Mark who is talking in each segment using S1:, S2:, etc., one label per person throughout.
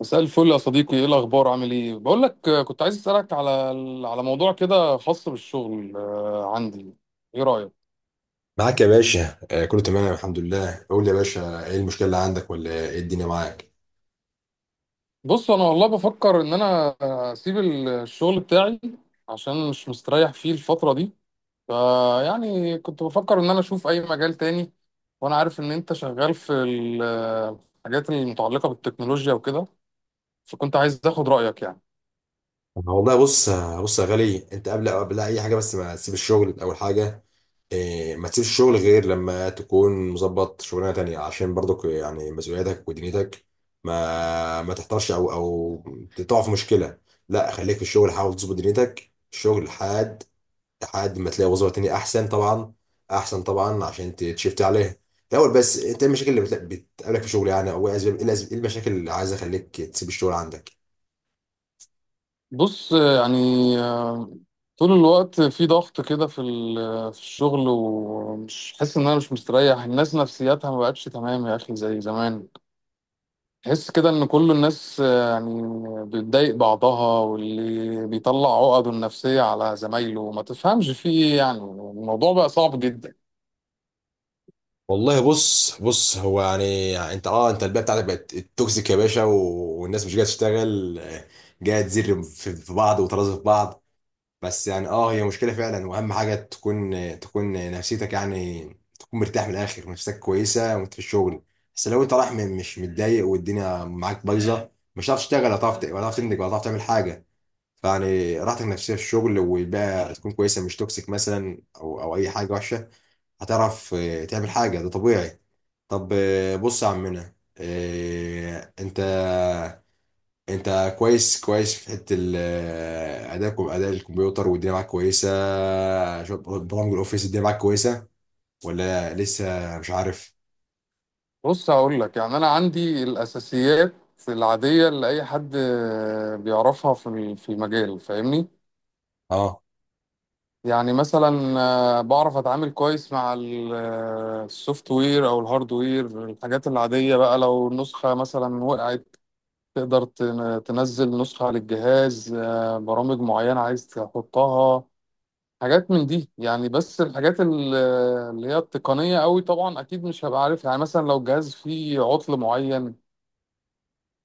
S1: مساء الفل يا صديقي، ايه الاخبار؟ عامل ايه؟ بقول لك كنت عايز اسالك على موضوع كده خاص بالشغل. عندي، ايه رايك؟
S2: معاك يا باشا، كله تمام الحمد لله. قول لي يا باشا، ايه المشكله اللي عندك ولا ايه الدنيا معاك؟
S1: بص انا والله بفكر ان انا اسيب الشغل بتاعي عشان مش مستريح فيه الفتره دي. فيعني كنت بفكر ان انا اشوف اي مجال تاني، وانا عارف ان انت شغال في الحاجات المتعلقه بالتكنولوجيا وكده، فكنت عايز اخد رايك يعني.
S2: والله بص، بص يا غالي، انت قبل اي حاجه، بس ما تسيب الشغل. اول حاجه ما تسيبش الشغل غير لما تكون مظبط شغلانه تانية، عشان برضك يعني مسؤولياتك ودنيتك ما تحتارش او تقع في مشكله. لا، خليك في الشغل، حاول تظبط دنيتك، الشغل حاد لحد ما تلاقي وظيفة تانية أحسن، طبعا أحسن طبعا، عشان تشفت عليها الأول. بس أنت إيه المشاكل اللي بتقابلك في الشغل يعني؟ أو إيه إيه المشاكل اللي عايزة أخليك تسيب الشغل عندك؟
S1: بص يعني، آه، طول الوقت في ضغط كده في في الشغل، ومش حاسس ان انا مش مستريح. الناس نفسياتها ما بقتش تمام يا اخي زي زمان. تحس كده ان كل الناس يعني بتضايق بعضها، واللي بيطلع عقده النفسية على زمايله، ما تفهمش في ايه. يعني الموضوع بقى صعب جدا.
S2: والله بص بص، هو يعني, يعني انت اه، انت البيئه بتاعتك بقت توكسيك يا باشا، والناس مش جايه تشتغل، جايه تزر في بعض وترازي في بعض. بس يعني اه، هي مشكلة فعلا، واهم حاجة تكون نفسيتك يعني تكون مرتاح. من الاخر، نفسك كويسة وانت في الشغل، بس لو انت رايح مش متضايق والدنيا معاك بايظة، مش هتعرف تشتغل، ولا هتعرف ولا هتعرف تنتج، ولا هتعرف تعمل حاجة. فيعني راحتك النفسية في الشغل والبيئة تكون كويسة، مش توكسيك مثلا او اي حاجة وحشة، هتعرف تعمل حاجة، ده طبيعي. طب بص يا عمنا، انت انت كويس في حته ادائك واداء الكمبيوتر والدنيا معاك كويسه؟ برامج الاوفيس الدنيا معاك كويسه، ولا لسه مش عارف؟
S1: بص هقول لك يعني انا عندي الاساسيات العادية اللي اي حد بيعرفها في المجال، فاهمني؟
S2: اه،
S1: يعني مثلا بعرف اتعامل كويس مع السوفت وير او الهارد وير، الحاجات العادية بقى. لو النسخة مثلا وقعت تقدر تنزل نسخة على الجهاز، برامج معينة عايز تحطها، حاجات من دي يعني. بس الحاجات اللي هي التقنية قوي طبعا اكيد مش هبقى عارفها. يعني مثلا لو الجهاز فيه عطل معين،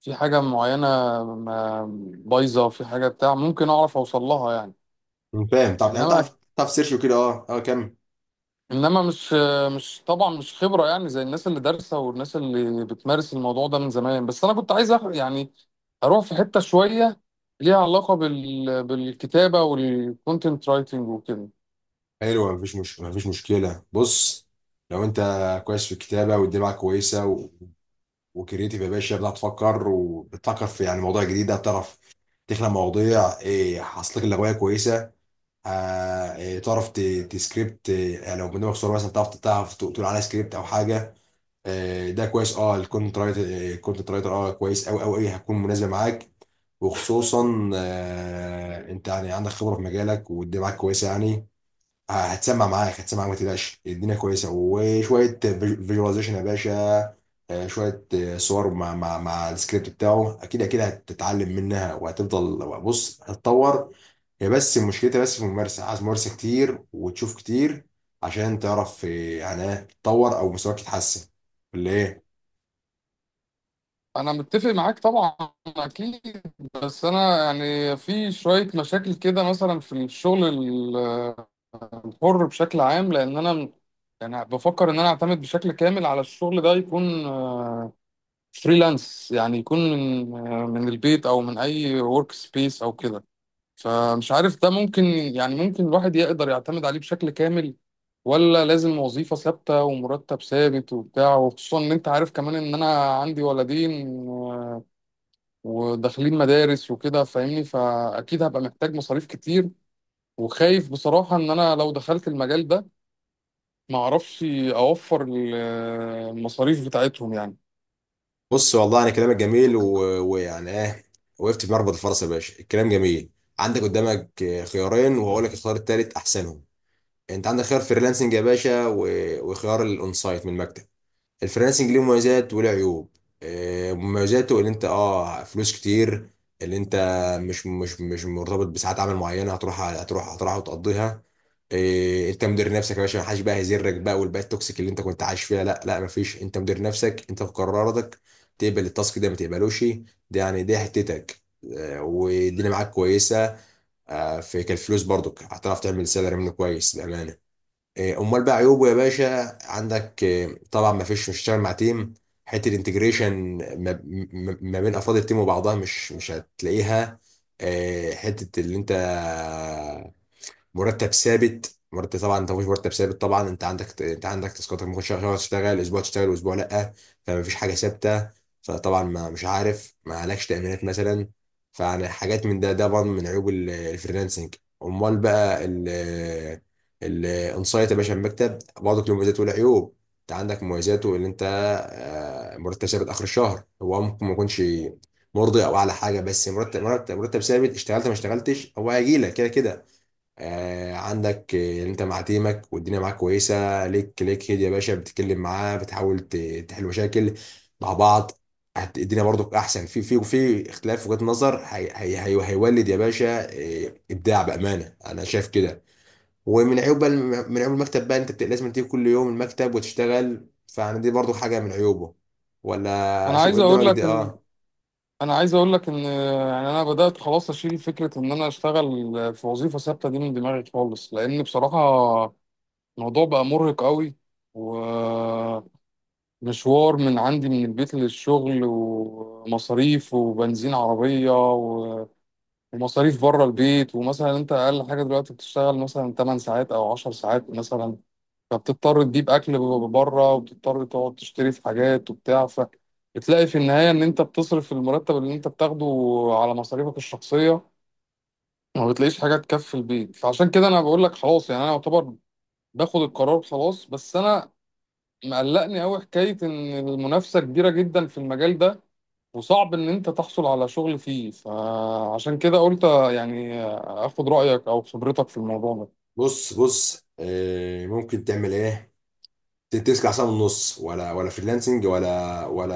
S1: في حاجة معينة، ما- بايظة في حاجة بتاع، ممكن اعرف اوصل لها يعني.
S2: فاهم. طب انت
S1: انما
S2: تعرف سيرش وكده؟ اه، اه، كمل.
S1: انما مش طبعا مش خبره يعني زي الناس اللي دارسه والناس اللي بتمارس الموضوع ده من زمان. بس انا كنت عايز يعني اروح في حته شويه ليها علاقه بالكتابه والكونتنت رايتنج وكده.
S2: حلو، مفيش مش مفيش مشكله. بص، لو انت كويس في الكتابه والدنيا معاك كويسه و... وكريتيف يا باشا، بتعرف تفكر وبتفكر في يعني مواضيع جديده، بتعرف تخلق مواضيع، ايه حصلك لك كويسه. إيه، تعرف تسكريبت إيه، يعني لو برنامج صور مثلا تعرف تقول عليه سكريبت او حاجه، ده كويس. اه، الكونتنت رايتر الكونتنت رايتر اه، كويس قوي، هتكون مناسبه معاك، وخصوصا انت يعني عندك خبره في مجالك والدنيا معاك كويسه يعني. هتسمع معاك هتسمع معاك، ما تقلقش، الدنيا كويسه. وشويه فيجواليزيشن يا باشا، شويه صور مع مع السكريبت بتاعه، اكيد اكيد هتتعلم منها وهتفضل، بص هتتطور. هي بس مشكلتها بس في الممارسة، عايز ممارسة كتير وتشوف كتير عشان تعرف إيه، يعني إيه تتطور أو مستواك يتحسن، ولا إيه.
S1: انا متفق معاك طبعا، اكيد. بس انا يعني في شويه مشاكل كده مثلا في الشغل الحر بشكل عام. لان انا يعني بفكر ان انا اعتمد بشكل كامل على الشغل ده، يكون فريلانس يعني، يكون من البيت او من اي ورك سبيس او كده. فمش عارف ده ممكن يعني، ممكن الواحد يقدر يعتمد عليه بشكل كامل، ولا لازم وظيفة ثابتة ومرتب ثابت وبتاع؟ وخصوصا ان انت عارف كمان ان انا عندي ولدين وداخلين مدارس وكده، فاهمني؟ فاكيد هبقى محتاج مصاريف كتير. وخايف بصراحة ان انا لو دخلت المجال ده ما اعرفش اوفر المصاريف بتاعتهم يعني.
S2: بص، والله أنا كلامك جميل ويعني إيه، وقفت في مربط الفرس يا باشا، الكلام جميل. عندك قدامك إيه، خيارين، وهقول لك الخيار التالت أحسنهم. أنت عندك خيار فريلانسنج يا باشا، وخيار الأونسايت من المكتب. الفريلانسنج ليه مميزات وله عيوب. مميزاته اللي انت اه فلوس كتير، اللي انت مش مرتبط بساعات عمل معينه، هتروح هتروح وتقضيها. انت مدير نفسك يا باشا، محدش بقى هيزرك بقى، والبيئه التوكسيك اللي انت كنت عايش فيها لا لا مفيش، انت مدير نفسك، انت في قراراتك تقبل التاسك ده ما تقبلوش، ده يعني دي حتتك. والدنيا معاك كويسه، في كالفلوس برضك هتعرف تعمل سالري منه كويس بامانه. إيه، امال بقى عيوبه يا باشا، عندك إيه، طبعا ما فيش مش هتشتغل مع تيم، حته الانتجريشن ما بين افراد التيم وبعضها مش هتلاقيها. إيه، حته اللي انت مرتب ثابت، مرتب طبعا انت مفيش مرتب ثابت، طبعا انت عندك، انت عندك تاسكات، ممكن شهر تشتغل، اسبوع تشتغل واسبوع لا، فمفيش حاجه ثابته، فطبعا ما مش عارف ما عليكش تامينات مثلا، فانا حاجات من ده، ده برضه من عيوب الفريلانسنج. امال بقى ال الانسايت يا باشا، المكتب برضه له مميزات وله عيوب. انت عندك مميزاته ان انت مرتب ثابت اخر الشهر، هو ممكن ما يكونش مرضي او اعلى حاجه، بس مرتب مرتب ثابت، اشتغلت ما اشتغلتش، هو هيجي لك كده كده. آه عندك انت مع تيمك والدنيا معاك كويسه، ليك ليك هيد يا باشا، بتتكلم معاه بتحاول تحل مشاكل مع بعض. الدنيا برضك احسن، في في اختلاف وجهات نظر، هي هيولد يا باشا ابداع، بامانه انا شايف كده. ومن عيوب بقى من عيوب المكتب بقى، انت لازم تيجي كل يوم المكتب وتشتغل، فانا دي برضو حاجه من عيوبه. ولا
S1: انا
S2: شوف
S1: عايز اقول
S2: قدامك دي
S1: لك
S2: اه.
S1: انا عايز اقول لك ان يعني انا بدات خلاص اشيل فكره ان انا اشتغل في وظيفه ثابته دي من دماغي خالص. لان بصراحه الموضوع بقى مرهق قوي، ومشوار من عندي من البيت للشغل، ومصاريف، وبنزين عربيه، ومصاريف بره البيت. ومثلا انت اقل حاجه دلوقتي بتشتغل مثلا 8 ساعات او 10 ساعات مثلا، فبتضطر تجيب اكل بره، وبتضطر تقعد تشتري في حاجات وبتاع، فبتلاقي في النهايه ان انت بتصرف المرتب اللي انت بتاخده على مصاريفك الشخصيه، ما بتلاقيش حاجه تكفي البيت. فعشان كده انا بقول لك خلاص، يعني انا يعتبر باخد القرار خلاص. بس انا مقلقني قوي حكاية إن المنافسة كبيرة جدا في المجال ده، وصعب إن أنت تحصل على شغل فيه. فعشان كده قلت يعني آخد رأيك أو خبرتك في الموضوع ده.
S2: بص بص، ممكن تعمل ايه، 9 ساعة ونص، ولا فريلانسنج، ولا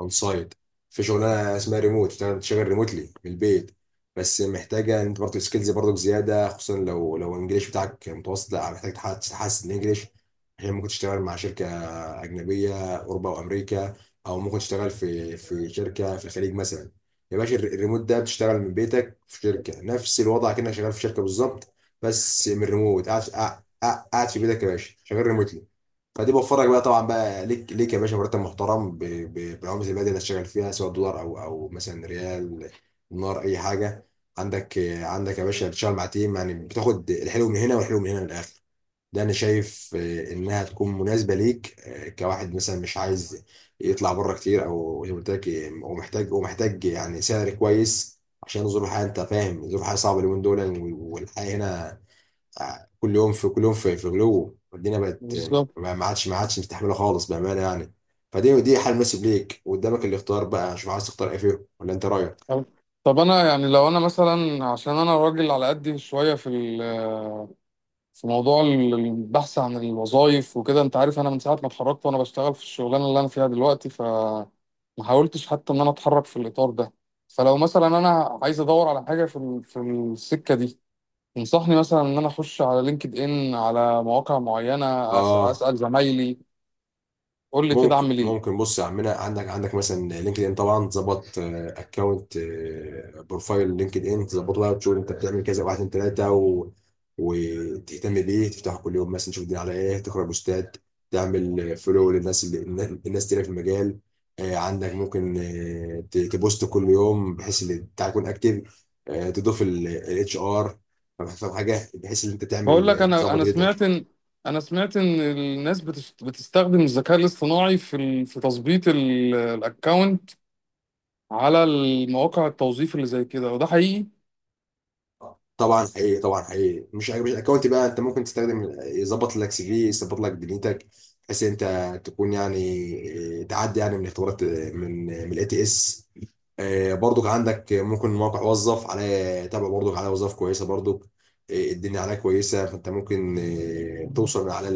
S2: اون سايت. في شغلانه اسمها ريموت، تشتغل ريموتلي من البيت. بس محتاجه ان انت برضه سكيلز برضه زياده، خصوصا لو الانجليش بتاعك متوسط، لا محتاج تحسن الانجليش، عشان ممكن تشتغل مع شركه اجنبيه، اوروبا وامريكا، او ممكن تشتغل في شركه في الخليج مثلا. يا باشا الريموت ده بتشتغل من بيتك في شركه، نفس الوضع كأنك شغال في شركه بالظبط، بس من ريموت، قاعد قاعد في بيتك يا باشا، شغال ريموتلي. فدي بوفرك بقى طبعا بقى، ليك ليك يا باشا مرتب محترم بالعمله البلد اللي هتشتغل فيها، سواء دولار او مثلا ريال، دينار، اي حاجه. عندك عندك يا باشا، بتشتغل مع تيم يعني، بتاخد الحلو من هنا والحلو من هنا، من الاخر ده انا شايف انها تكون مناسبه ليك، كواحد مثلا مش عايز يطلع بره كتير، او زي ما قلت لك ومحتاج، ومحتاج يعني سعر كويس عشان ظروف الحياه. انت فاهم ظروف الحياه صعبه اليومين دول، والحياه هنا كل يوم في كل يوم في غلو، والدنيا بقت
S1: بالظبط.
S2: ما عادش مستحمله خالص بامانه يعني. فدي دي حل مناسب ليك، وقدامك الاختيار بقى، شوف عايز تختار ايه فيهم ولا انت رايك.
S1: طب، أنا يعني لو أنا مثلا، عشان أنا راجل على قدي شوية في في موضوع البحث عن الوظائف وكده، أنت عارف أنا من ساعة ما اتخرجت وأنا بشتغل في الشغلانة اللي أنا فيها دلوقتي، ف ما حاولتش حتى ان انا اتحرك في الاطار ده. فلو مثلا انا عايز ادور على حاجه في في السكه دي، تنصحني مثلا ان انا اخش على لينكد ان، على مواقع معينه؟
S2: اه،
S1: اسال زمايلي؟ قول لي كده
S2: ممكن
S1: اعمل ايه.
S2: ممكن بص يا عمنا، عندك مثلا لينكد ان، طبعا تظبط اكونت، بروفايل لينكد ان تظبطه بقى، وتشوف انت بتعمل كذا واحد اتنين تلاته و... وتهتم بيه، تفتحه كل يوم مثلا، تشوف الدنيا على ايه، تقرا بوستات، تعمل فولو للناس اللي الناس تلاقي في المجال. عندك ممكن تبوست كل يوم، بحيث ان بتاعك يكون اكتف، تضيف الـ HR، فاهم حاجه، بحيث ان انت
S1: بقول لك
S2: تعمل
S1: انا
S2: تظبط
S1: انا سمعت
S2: ريتك.
S1: ان، سمعت ان الناس بتستخدم الذكاء الاصطناعي في تظبيط الاكونت على المواقع التوظيف اللي زي كده، وده حقيقي؟
S2: طبعا حقيقي، طبعا حقيقي، مش الاكونت بقى، انت ممكن تستخدم يظبط لك CV، يظبط لك دنيتك، بحيث ان انت تكون يعني تعدي يعني من اختبارات من من الـ IELTS. برضك عندك ممكن موقع وظف، عليه تابع برضك، عليه وظائف كويسه برضك، الدنيا عليه كويسه، فانت ممكن توصل من على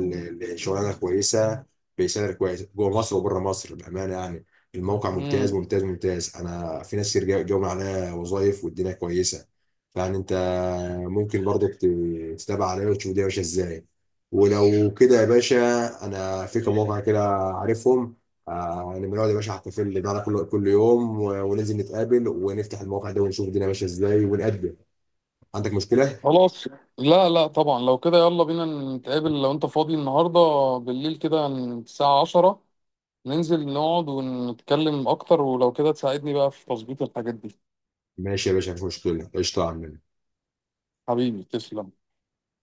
S2: الشغلانه كويسه بسعر كويس جوه مصر وبره مصر بامانه يعني. الموقع ممتاز
S1: امم
S2: ممتاز، انا في ناس كتير جاوا من عليه وظائف والدنيا كويسه. فيعني انت ممكن برضك تتابع عليه وتشوف الدنيا ماشيه ازاي. ولو كده يا باشا، انا في كم موقع كده عارفهم، آه يعني بنقعد يا باشا على الكافيه ده كل يوم، وننزل نتقابل ونفتح المواقع ده ونشوف الدنيا ماشيه ازاي ونقدم. عندك مشكله؟
S1: خلاص. لا لا، طبعا لو كده يلا بينا نتقابل لو انت فاضي النهارده بالليل كده الساعه 10، ننزل نقعد ونتكلم اكتر، ولو كده تساعدني بقى في تظبيط الحاجات دي.
S2: ماشي يا باشا، مفيش مشكله، قشطه يا عم.
S1: حبيبي تسلم.